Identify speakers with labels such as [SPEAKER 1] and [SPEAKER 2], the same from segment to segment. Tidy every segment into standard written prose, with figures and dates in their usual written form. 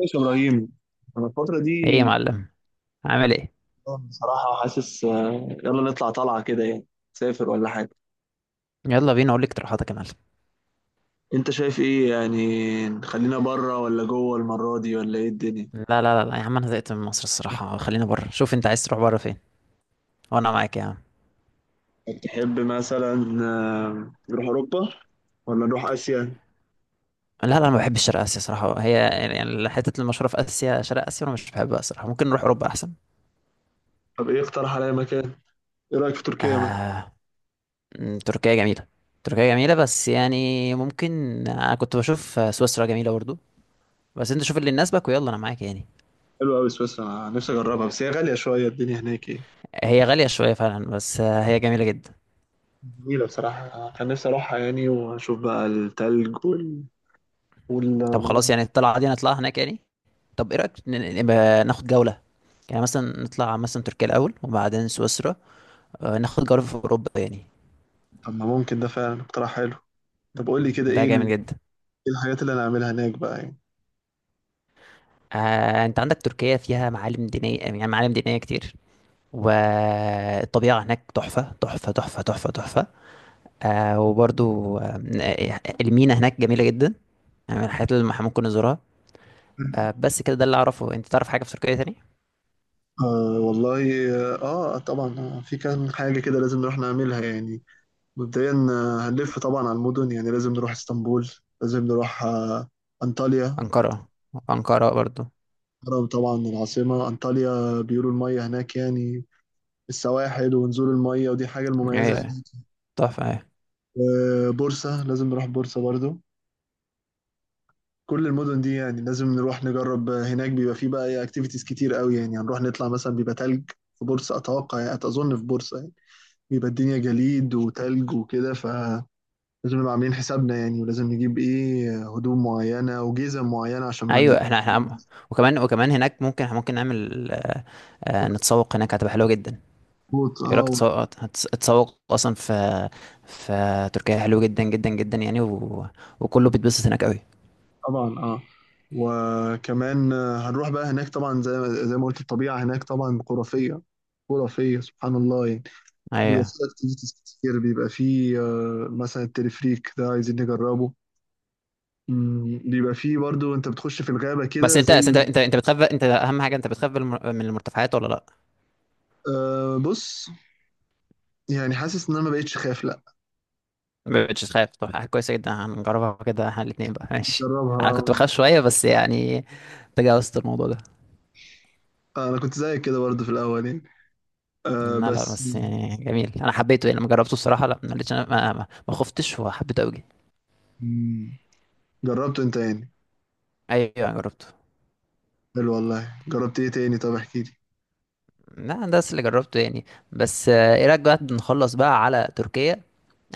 [SPEAKER 1] ماشي يا ابراهيم. انا الفتره دي
[SPEAKER 2] ايه يا معلم؟ عامل ايه؟
[SPEAKER 1] بصراحه حاسس، يلا نطلع طلعه كده يعني. سافر ولا حاجه.
[SPEAKER 2] يلا بينا اقول لك اقتراحاتك يا معلم.
[SPEAKER 1] انت شايف ايه؟ يعني خلينا بره ولا جوه المره دي؟ ولا ايه الدنيا؟
[SPEAKER 2] لا لا لا لا يا عم، انا زهقت من مصر الصراحه، خلينا بره. شوف انت عايز تروح بره فين وانا معاك يا عم.
[SPEAKER 1] تحب مثلا نروح اوروبا ولا نروح اسيا؟
[SPEAKER 2] لا لا انا ما بحبش شرق اسيا صراحه، هي حته المشهوره في اسيا شرق اسيا انا مش بحبها صراحه، ممكن نروح اوروبا احسن.
[SPEAKER 1] طب ايه، اقترح عليا مكان. ايه رايك في تركيا مثلا؟
[SPEAKER 2] آه... تركيا جميله. تركيا جميله بس يعني ممكن. انا كنت بشوف سويسرا جميله برضو، بس انت شوف اللي يناسبك ويلا انا معاك يعني.
[SPEAKER 1] حلوه قوي سويسرا، أنا نفسي اجربها بس هي غاليه شويه الدنيا هناك ايه.
[SPEAKER 2] هي غاليه شويه فعلا، بس هي جميله جدا.
[SPEAKER 1] جميله بصراحه، كان نفسي اروحها يعني واشوف بقى التلج
[SPEAKER 2] طب خلاص،
[SPEAKER 1] والمناظر.
[SPEAKER 2] يعني الطلعة دي نطلعها هناك يعني. طب ايه رأيك نبقى ناخد جولة؟ يعني مثلا نطلع مثلا تركيا الأول وبعدين سويسرا. ناخد جولة في أوروبا يعني.
[SPEAKER 1] طب ما ممكن، ده فعلا اقتراح حلو. طب قول لي كده
[SPEAKER 2] ده
[SPEAKER 1] ايه.
[SPEAKER 2] جامد
[SPEAKER 1] إيه
[SPEAKER 2] جدا.
[SPEAKER 1] الحاجات اللي انا اعملها هناك بقى يعني؟
[SPEAKER 2] انت عندك تركيا فيها معالم دينية، يعني معالم دينية كتير، والطبيعة هناك تحفة تحفة تحفة تحفة تحفة. آه، وبرضو آه، المينا هناك جميلة جدا، يعني من الحاجات اللي احنا ممكن نزورها. بس كده ده اللي أعرفه، انت تعرف حاجة في تركيا تاني؟
[SPEAKER 1] آه والله. اه طبعا، في كام حاجة كده لازم نروح نعملها يعني. مبدئيا هنلف طبعا على المدن، يعني لازم نروح اسطنبول. لازم نروح انطاليا.
[SPEAKER 2] أنقرة. أنقرة برضو.
[SPEAKER 1] الهرم طبعا العاصمة انطاليا، بيقولوا المية هناك يعني السواحل ونزول المية، ودي حاجة المميزة
[SPEAKER 2] ايوه،
[SPEAKER 1] هناك.
[SPEAKER 2] تحفة. أيوة.
[SPEAKER 1] بورصة، لازم نروح بورصة برضو. كل المدن دي يعني لازم نروح نجرب. هناك بيبقى فيه بقى اكتيفيتيز كتير قوي، يعني هنروح نطلع مثلا بيبقى تلج في بورصة اتوقع، يعني اظن في بورصة يعني. بيبقى الدنيا جليد وتلج وكده، فلازم نبقى عاملين حسابنا يعني، ولازم نجيب ايه هدوم معينة وجزم معينة عشان ما
[SPEAKER 2] ايوه احنا وكمان هناك ممكن نعمل
[SPEAKER 1] نتفوت.
[SPEAKER 2] نتسوق هناك، هتبقى حلوه جدا. يقول لك
[SPEAKER 1] اه
[SPEAKER 2] تسوق تتسوق اصلا في تركيا حلو جدا جدا جدا يعني، وكله بيتبسط هناك قوي.
[SPEAKER 1] طبعا. اه وكمان هنروح بقى هناك طبعا زي ما قلت، الطبيعة هناك طبعا خرافية خرافية، سبحان الله يعني. بيبقى
[SPEAKER 2] ايوه.
[SPEAKER 1] فيه اكتيفيتيز كتير، بيبقى فيه مثلا التلفريك ده عايزين نجربه. بيبقى فيه برضو انت بتخش في الغابة
[SPEAKER 2] بس
[SPEAKER 1] كده
[SPEAKER 2] انت
[SPEAKER 1] زي...
[SPEAKER 2] بتخاف، انت اهم حاجه انت بتخاف من المرتفعات ولا لا؟
[SPEAKER 1] بص، يعني حاسس ان انا ما بقتش خايف لا.
[SPEAKER 2] ما بتخاف؟ طب حاجه كويسه جدا، هنجربها كده احنا الاثنين بقى، ماشي. انا كنت
[SPEAKER 1] جربها.
[SPEAKER 2] بخاف شويه بس يعني تجاوزت الموضوع ده.
[SPEAKER 1] انا كنت زيك كده برضو في الاول يعني. أه،
[SPEAKER 2] لا لا،
[SPEAKER 1] بس.
[SPEAKER 2] بس يعني جميل، انا حبيته يعني لما جربته الصراحه، لا ما لقيتش، انا ما خفتش وحبيته قوي.
[SPEAKER 1] مم، جربته انت يعني؟
[SPEAKER 2] ايوه جربته.
[SPEAKER 1] حلو والله. جربت ايه تاني؟ طب احكي لي.
[SPEAKER 2] لا ده بس اللي جربته يعني. بس ايه رايك بقى نخلص بقى على تركيا؟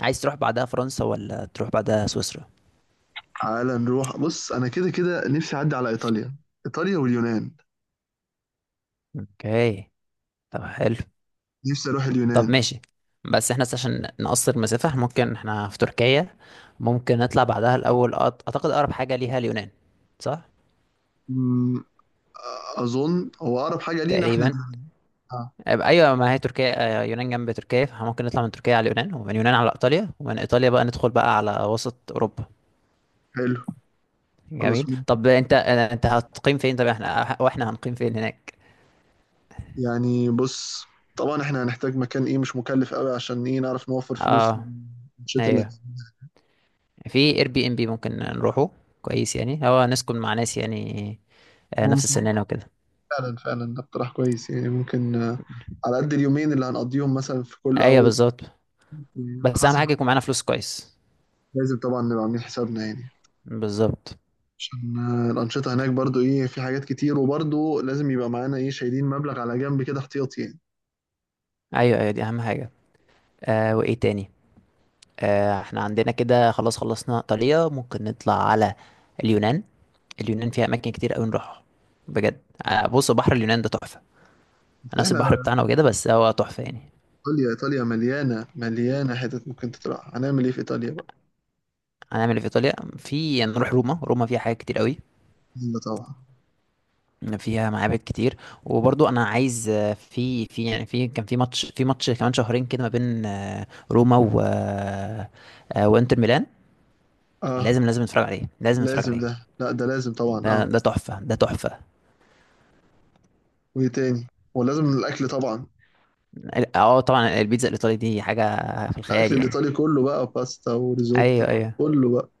[SPEAKER 2] عايز تروح بعدها فرنسا ولا تروح بعدها سويسرا؟
[SPEAKER 1] تعالى نروح. بص، انا كده كده نفسي اعدي على ايطاليا، ايطاليا واليونان.
[SPEAKER 2] اوكي. طب حلو.
[SPEAKER 1] نفسي اروح
[SPEAKER 2] طب
[SPEAKER 1] اليونان.
[SPEAKER 2] ماشي. بس احنا عشان نقصر مسافة إحنا ممكن احنا في تركيا ممكن نطلع بعدها الاول، اعتقد اقرب حاجة ليها اليونان، صح؟
[SPEAKER 1] مم، اظن هو اقرب حاجة لينا احنا
[SPEAKER 2] تقريبا.
[SPEAKER 1] دي. آه،
[SPEAKER 2] ايوه، ما هي تركيا يونان جنب تركيا، فممكن نطلع من تركيا على اليونان ومن اليونان على ايطاليا ومن ايطاليا بقى ندخل بقى على وسط اوروبا.
[SPEAKER 1] حلو. خلاص
[SPEAKER 2] جميل. طب انت هتقيم فين؟ طب احنا هنقيم فين هناك؟
[SPEAKER 1] يعني، بص طبعا احنا هنحتاج مكان ايه مش مكلف قوي عشان ايه نعرف نوفر فلوس
[SPEAKER 2] اه.
[SPEAKER 1] الشتاء اللي
[SPEAKER 2] ايوه.
[SPEAKER 1] هنعملها.
[SPEAKER 2] في اير بي ام بي ممكن نروحه، كويس يعني، هو نسكن مع ناس يعني نفس
[SPEAKER 1] ممكن.
[SPEAKER 2] سننا وكده.
[SPEAKER 1] فعلا فعلا ده اقتراح كويس يعني. ممكن على قد اليومين اللي هنقضيهم مثلا في كل،
[SPEAKER 2] ايوه
[SPEAKER 1] او
[SPEAKER 2] بالظبط.
[SPEAKER 1] على
[SPEAKER 2] بس اهم
[SPEAKER 1] حسب.
[SPEAKER 2] حاجه يكون معانا فلوس كويس.
[SPEAKER 1] لازم طبعا نبقى عاملين حسابنا يعني،
[SPEAKER 2] بالظبط.
[SPEAKER 1] عشان الأنشطة هناك برضو ايه، في حاجات كتير، وبرضو لازم يبقى معانا ايه شايلين مبلغ على جنب كده احتياطي يعني.
[SPEAKER 2] ايوه ايوه دي اهم حاجه. وايه تاني؟ احنا عندنا كده خلاص، خلصنا ايطاليا، ممكن نطلع على اليونان. اليونان فيها اماكن كتير قوي نروحها، بجد. بص بحر اليونان ده تحفه،
[SPEAKER 1] بس
[SPEAKER 2] نفس
[SPEAKER 1] احنا،
[SPEAKER 2] البحر بتاعنا وكده بس هو تحفه يعني.
[SPEAKER 1] ايطاليا ايطاليا مليانة مليانة حتت، ممكن تطلع. هنعمل ايه في ايطاليا بقى؟
[SPEAKER 2] هنعمل ايه في ايطاليا؟ في نروح روما، روما فيها حاجات كتير قوي،
[SPEAKER 1] يلا طبعا،
[SPEAKER 2] فيها معابد كتير، وبرضو انا عايز آه، في في يعني كان في ماتش في ماتش كمان شهرين كده ما بين روما و وانتر ميلان.
[SPEAKER 1] اه
[SPEAKER 2] لازم نتفرج عليه، لازم نتفرج
[SPEAKER 1] لازم.
[SPEAKER 2] عليه.
[SPEAKER 1] ده، لا ده لازم طبعا،
[SPEAKER 2] ده
[SPEAKER 1] اه.
[SPEAKER 2] تحفة، ده تحفة.
[SPEAKER 1] وايه تاني؟ ولازم الاكل طبعا.
[SPEAKER 2] اه طبعا، البيتزا الايطالي دي حاجة في
[SPEAKER 1] الاكل
[SPEAKER 2] الخيال يعني.
[SPEAKER 1] الايطالي كله بقى باستا وريزوتو،
[SPEAKER 2] ايوه ايوه.
[SPEAKER 1] كله بقى.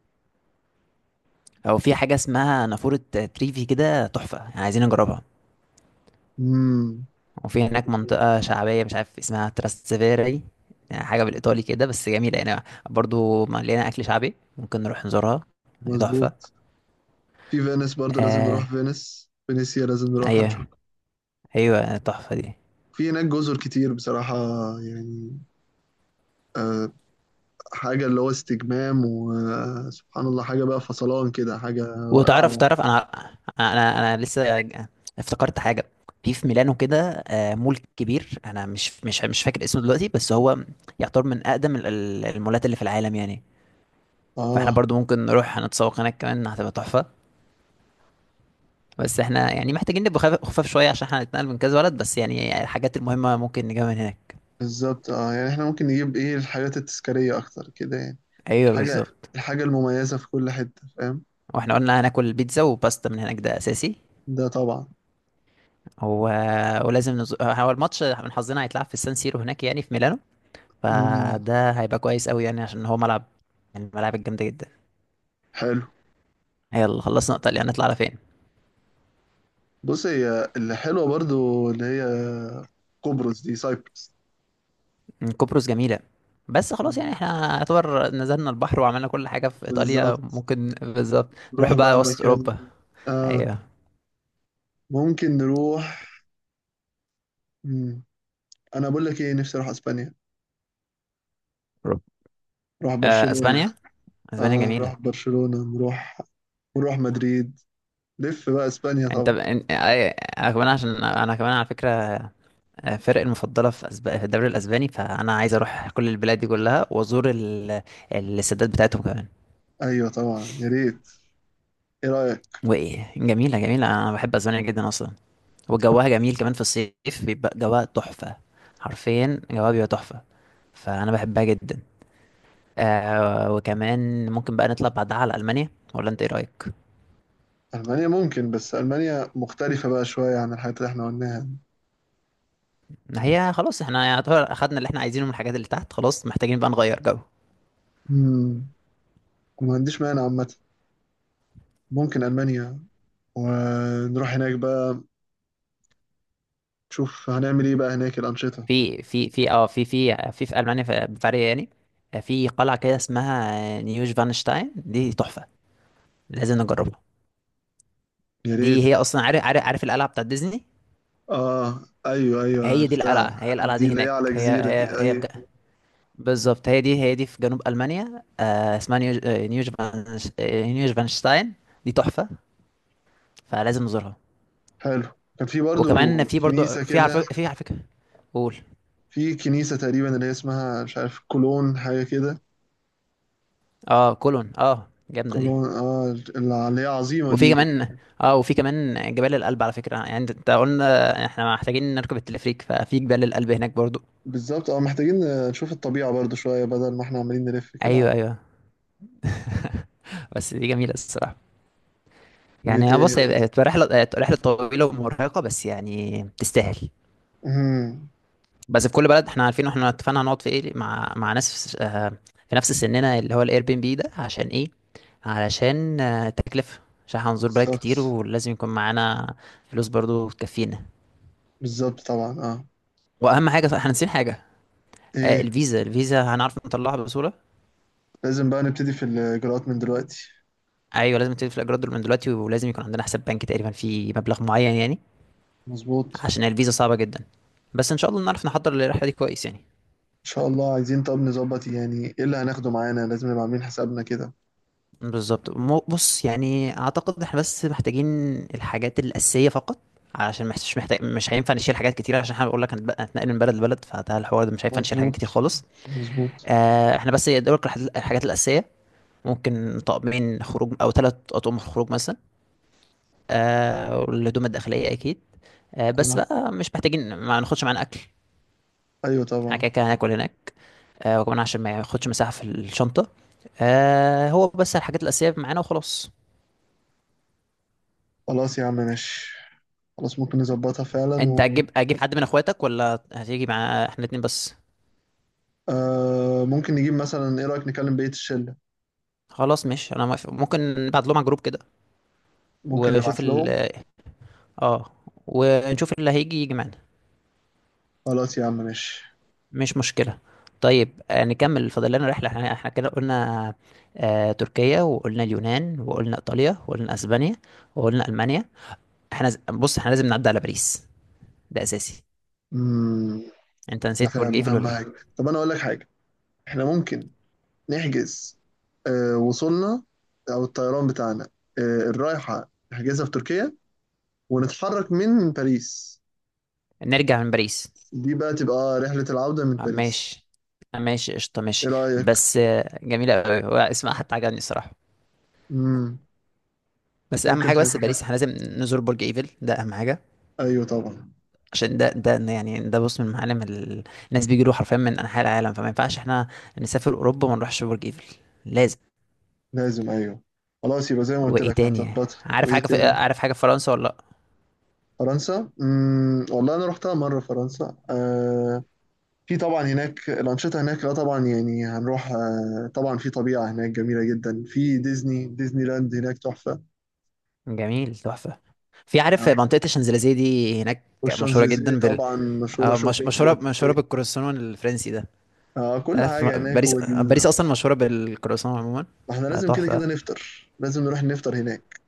[SPEAKER 2] او في حاجة اسمها نافورة تريفي كده، تحفة يعني، عايزين نجربها.
[SPEAKER 1] امم
[SPEAKER 2] وفي هناك منطقة شعبية مش عارف اسمها، تراستيفيري، يعني حاجة بالإيطالي كده بس جميلة يعني، برضو مليانة أكل شعبي، ممكن نروح نزورها، هي تحفة.
[SPEAKER 1] مظبوط. في فينيس برضه لازم
[SPEAKER 2] آه.
[SPEAKER 1] نروح فينيس، فينيسيا لازم نروح،
[SPEAKER 2] أيوه.
[SPEAKER 1] هنشوف.
[SPEAKER 2] أيوه تحفة دي.
[SPEAKER 1] في هناك جزر كتير بصراحة يعني. آه حاجة اللي هو استجمام، وسبحان الله، حاجة بقى فصلان كده، حاجة
[SPEAKER 2] وتعرف
[SPEAKER 1] رائعة.
[SPEAKER 2] أنا أنا لسه افتكرت حاجة. في ميلانو كده مول كبير، أنا مش فاكر اسمه دلوقتي، بس هو يعتبر من أقدم المولات اللي في العالم يعني. فاحنا
[SPEAKER 1] اه
[SPEAKER 2] برضو ممكن نروح نتسوق هناك كمان، هتبقى تحفة. بس احنا يعني محتاجين نبقى خفاف شويه عشان احنا هنتنقل من كذا بلد، بس يعني الحاجات المهمه ممكن نجيبها من هناك.
[SPEAKER 1] بالظبط. اه يعني احنا ممكن نجيب ايه الحاجات التذكارية اكتر كده يعني.
[SPEAKER 2] ايوه
[SPEAKER 1] الحاجة
[SPEAKER 2] بالظبط.
[SPEAKER 1] الحاجة المميزة في كل حتة، فاهم؟
[SPEAKER 2] واحنا قلنا هناكل بيتزا وباستا من هناك، ده اساسي.
[SPEAKER 1] ده طبعا.
[SPEAKER 2] و... هو الماتش من حظنا هيتلعب في سان سيرو هناك يعني في ميلانو،
[SPEAKER 1] مم.
[SPEAKER 2] فده هيبقى كويس قوي يعني، عشان هو ملعب من الملاعب الجامده جدا.
[SPEAKER 1] حلو.
[SPEAKER 2] يلا خلصنا ايطاليا، هنطلع على فين؟
[SPEAKER 1] بص، هي اللي حلوة برضو، اللي هي قبرص دي، سايبرس.
[SPEAKER 2] قبرص جميله، بس خلاص يعني
[SPEAKER 1] مم.
[SPEAKER 2] احنا يعتبر نزلنا البحر وعملنا كل حاجه في ايطاليا،
[SPEAKER 1] بالظبط.
[SPEAKER 2] ممكن بالظبط نروح
[SPEAKER 1] نروح بقى
[SPEAKER 2] بقى وسط
[SPEAKER 1] مكان.
[SPEAKER 2] اوروبا.
[SPEAKER 1] آه
[SPEAKER 2] ايوه.
[SPEAKER 1] ممكن نروح. مم. انا بقول لك ايه، نفسي اروح اسبانيا.
[SPEAKER 2] أوروبا.
[SPEAKER 1] نروح برشلونة،
[SPEAKER 2] اسبانيا. اسبانيا
[SPEAKER 1] اه
[SPEAKER 2] جميله.
[SPEAKER 1] نروح برشلونة، نروح مدريد، لف بقى اسبانيا
[SPEAKER 2] انت
[SPEAKER 1] طبعا.
[SPEAKER 2] ب... ان- آه، انا كمان، عشان انا كمان على فكره فرق المفضله في في الدوري الاسباني، فانا عايز اروح كل البلاد دي كلها وازور السدات بتاعتهم كمان.
[SPEAKER 1] ايوه طبعا، يا ريت. ايه رأيك؟
[SPEAKER 2] وايه جميله، جميله، انا بحب اسبانيا جدا اصلا، وجوها جميل كمان في الصيف، بيبقى جوها تحفه، حرفيا جوها بيبقى تحفه، فانا بحبها جدا. وكمان ممكن بقى نطلع بعدها على المانيا، ولا انت ايه رايك؟
[SPEAKER 1] المانيا ممكن، بس المانيا مختلفة بقى شوية عن الحاجات اللي احنا قلناها.
[SPEAKER 2] هي خلاص احنا يعتبر اخدنا اللي احنا عايزينه من الحاجات اللي تحت، خلاص محتاجين بقى نغير جو.
[SPEAKER 1] مم. ما عنديش مانع عامة، ممكن المانيا، ونروح هناك بقى. شوف هنعمل ايه بقى هناك الانشطه.
[SPEAKER 2] في في المانيا، في بافاريا يعني، في قلعه كده اسمها نيوش فانشتاين، دي تحفه، لازم نجربها.
[SPEAKER 1] يا
[SPEAKER 2] دي
[SPEAKER 1] ريت.
[SPEAKER 2] هي اصلا، عارف القلعه بتاعت ديزني؟
[SPEAKER 1] اه، ايوه ايوه،
[SPEAKER 2] هي دي القلعه،
[SPEAKER 1] عرفتها.
[SPEAKER 2] هي القلعه
[SPEAKER 1] دي
[SPEAKER 2] دي
[SPEAKER 1] اللي هي
[SPEAKER 2] هناك،
[SPEAKER 1] على
[SPEAKER 2] هي
[SPEAKER 1] جزيره دي؟
[SPEAKER 2] في
[SPEAKER 1] ايوه.
[SPEAKER 2] بالظبط، هي دي، هي دي في جنوب المانيا، آه اسمها نيوش، نيوش فانش آه، نيوش فانشتاين، دي تحفه، فلازم نزورها.
[SPEAKER 1] حلو. كان في برضو
[SPEAKER 2] وكمان في برضو،
[SPEAKER 1] كنيسه
[SPEAKER 2] في عارف،
[SPEAKER 1] كده،
[SPEAKER 2] في على فكره، قول.
[SPEAKER 1] في كنيسه تقريبا اللي هي اسمها مش عارف، كولون حاجه كده.
[SPEAKER 2] اه كولون، اه جامده دي.
[SPEAKER 1] كولون، اه، اللي هي عظيمه
[SPEAKER 2] وفي
[SPEAKER 1] دي.
[SPEAKER 2] كمان، اه وفي كمان جبال الألب على فكرة، يعني انت قلنا احنا محتاجين نركب التلفريك، ففي جبال الألب هناك برضو.
[SPEAKER 1] بالظبط، اه محتاجين نشوف الطبيعه برضو شويه بدل ما احنا عمالين نلف كده.
[SPEAKER 2] ايوه ايوه. بس دي جميلة الصراحة،
[SPEAKER 1] وايه
[SPEAKER 2] يعني
[SPEAKER 1] تاني
[SPEAKER 2] بص
[SPEAKER 1] برضو؟
[SPEAKER 2] هي هتبقى رحلة، هتبقى رحلة طويلة ومرهقة، بس يعني تستاهل.
[SPEAKER 1] امم
[SPEAKER 2] بس في كل بلد احنا عارفين واحنا اتفقنا هنقعد في ايه، مع ناس في نفس سننا اللي هو الاير بي ام بي ده، عشان ايه؟ علشان التكلفة، عشان هنزور بلد كتير
[SPEAKER 1] بالظبط،
[SPEAKER 2] ولازم يكون معانا فلوس برضو تكفينا.
[SPEAKER 1] بالظبط طبعا، اه.
[SPEAKER 2] واهم حاجة، صح احنا ناسيين حاجة،
[SPEAKER 1] ايه؟
[SPEAKER 2] الفيزا، الفيزا هنعرف نطلعها بسهولة؟
[SPEAKER 1] لازم بقى نبتدي في الاجراءات من دلوقتي.
[SPEAKER 2] ايوه لازم تدفع الاجرات دول من دلوقتي، ولازم يكون عندنا حساب بنكي تقريبا فيه مبلغ معين يعني،
[SPEAKER 1] مظبوط.
[SPEAKER 2] عشان الفيزا صعبه جدا. بس ان شاء الله نعرف نحضر للرحله دي كويس يعني.
[SPEAKER 1] ان شاء الله. عايزين طب نظبط يعني ايه اللي هناخده معانا، لازم نبقى عاملين حسابنا كده.
[SPEAKER 2] بالظبط. بص يعني اعتقد احنا بس محتاجين الحاجات الاساسيه فقط، عشان مش هينفع نشيل حاجات كتير، عشان احنا بقول لك هنتنقل من بلد لبلد، فده الحوار ده مش هينفع نشيل حاجات كتير
[SPEAKER 1] مظبوط،
[SPEAKER 2] خالص.
[SPEAKER 1] مظبوط.
[SPEAKER 2] احنا بس يدوك الحاجات الاساسيه، ممكن طقمين خروج او ثلاث اطقم خروج مثلا، والهدوم الداخليه اكيد. بس
[SPEAKER 1] تمام.
[SPEAKER 2] بقى مش محتاجين ما ناخدش معانا اكل،
[SPEAKER 1] ايوه
[SPEAKER 2] احنا
[SPEAKER 1] طبعا.
[SPEAKER 2] كده كده هناكل هناك. وكمان عشان ما ياخدش مساحة في الشنطة، هو بس الحاجات الأساسية معانا وخلاص.
[SPEAKER 1] خلاص يا عم ماشي. خلاص ممكن نظبطها فعلا
[SPEAKER 2] انت اجيب حد من اخواتك، ولا هتيجي مع احنا الاتنين بس؟
[SPEAKER 1] ممكن نجيب مثلا، ايه رأيك نكلم بقية الشلة؟
[SPEAKER 2] خلاص ماشي انا موافق، ممكن نبعت لهم على الجروب كده.
[SPEAKER 1] ممكن
[SPEAKER 2] وشوف
[SPEAKER 1] نبعت
[SPEAKER 2] ال
[SPEAKER 1] لهم.
[SPEAKER 2] اه ونشوف اللي هيجي يجي معانا.
[SPEAKER 1] خلاص يا عم ماشي.
[SPEAKER 2] مش مشكلة. طيب نكمل، فاضل لنا رحلة، احنا كده قلنا تركيا، وقلنا اليونان، وقلنا ايطاليا، وقلنا اسبانيا، وقلنا المانيا. احنا بص احنا لازم نعدي على باريس، ده اساسي.
[SPEAKER 1] امم
[SPEAKER 2] انت
[SPEAKER 1] ده
[SPEAKER 2] نسيت برج
[SPEAKER 1] فاهم
[SPEAKER 2] ايفل
[SPEAKER 1] اهم
[SPEAKER 2] ولا ايه؟
[SPEAKER 1] حاجة. طب انا اقول لك حاجة، احنا ممكن نحجز وصولنا، او الطيران بتاعنا، آه الرايحة نحجزها في تركيا، ونتحرك من باريس.
[SPEAKER 2] نرجع من باريس.
[SPEAKER 1] دي بقى تبقى رحلة العودة من باريس.
[SPEAKER 2] ماشي. ماشي قشطة، ماشي.
[SPEAKER 1] ايه رأيك؟
[SPEAKER 2] بس جميلة أوي، هو اسمها حتى عجبني الصراحة.
[SPEAKER 1] مم.
[SPEAKER 2] بس أهم
[SPEAKER 1] ممكن
[SPEAKER 2] حاجة، بس باريس
[SPEAKER 1] تظبطها.
[SPEAKER 2] احنا لازم نزور برج إيفل، ده أهم حاجة،
[SPEAKER 1] ايوه طبعا.
[SPEAKER 2] عشان ده ده بص من معالم الناس بيجيله حرفيا من أنحاء العالم، فما ينفعش احنا نسافر أوروبا وما نروحش برج إيفل، لازم.
[SPEAKER 1] لازم، ايوه. خلاص يبقى زي ما قلت
[SPEAKER 2] وإيه
[SPEAKER 1] لك
[SPEAKER 2] تاني؟
[SPEAKER 1] هنظبطها.
[SPEAKER 2] عارف
[SPEAKER 1] وايه
[SPEAKER 2] حاجة في
[SPEAKER 1] تاني؟
[SPEAKER 2] عارف حاجة في فرنسا ولا لأ؟
[SPEAKER 1] فرنسا، والله انا رحتها مرة فرنسا. في طبعا هناك الأنشطة، هناك لا طبعا يعني هنروح. طبعا في طبيعة هناك جميلة جدا، في ديزني لاند هناك تحفة.
[SPEAKER 2] جميل تحفة. في عارف
[SPEAKER 1] آه.
[SPEAKER 2] منطقة الشانزليزيه دي هناك، مشهورة
[SPEAKER 1] والشانزليزيه
[SPEAKER 2] جدا
[SPEAKER 1] طبعا، مشهورة
[SPEAKER 2] آه، مش...
[SPEAKER 1] شوبينج
[SPEAKER 2] مشهورة
[SPEAKER 1] وتسويق.
[SPEAKER 2] بالكروسون الفرنسي ده.
[SPEAKER 1] آه. كل
[SPEAKER 2] تعرف
[SPEAKER 1] حاجة هناك
[SPEAKER 2] باريس، اصلا مشهوره بالكرواسون عموما،
[SPEAKER 1] احنا لازم كده كده
[SPEAKER 2] فتحفه.
[SPEAKER 1] نفطر، لازم نروح نفطر هناك.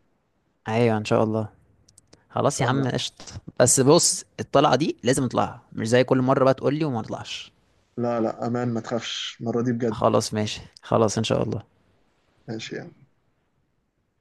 [SPEAKER 2] ايوه ان شاء الله.
[SPEAKER 1] إن
[SPEAKER 2] خلاص يا
[SPEAKER 1] شاء
[SPEAKER 2] عم
[SPEAKER 1] الله.
[SPEAKER 2] قشط. بس بص الطلعه دي لازم نطلعها، مش زي كل مره بقى تقول لي وما نطلعش.
[SPEAKER 1] لا لا، امان ما تخافش المره دي بجد.
[SPEAKER 2] خلاص ماشي، خلاص ان شاء الله.
[SPEAKER 1] ماشي يعني.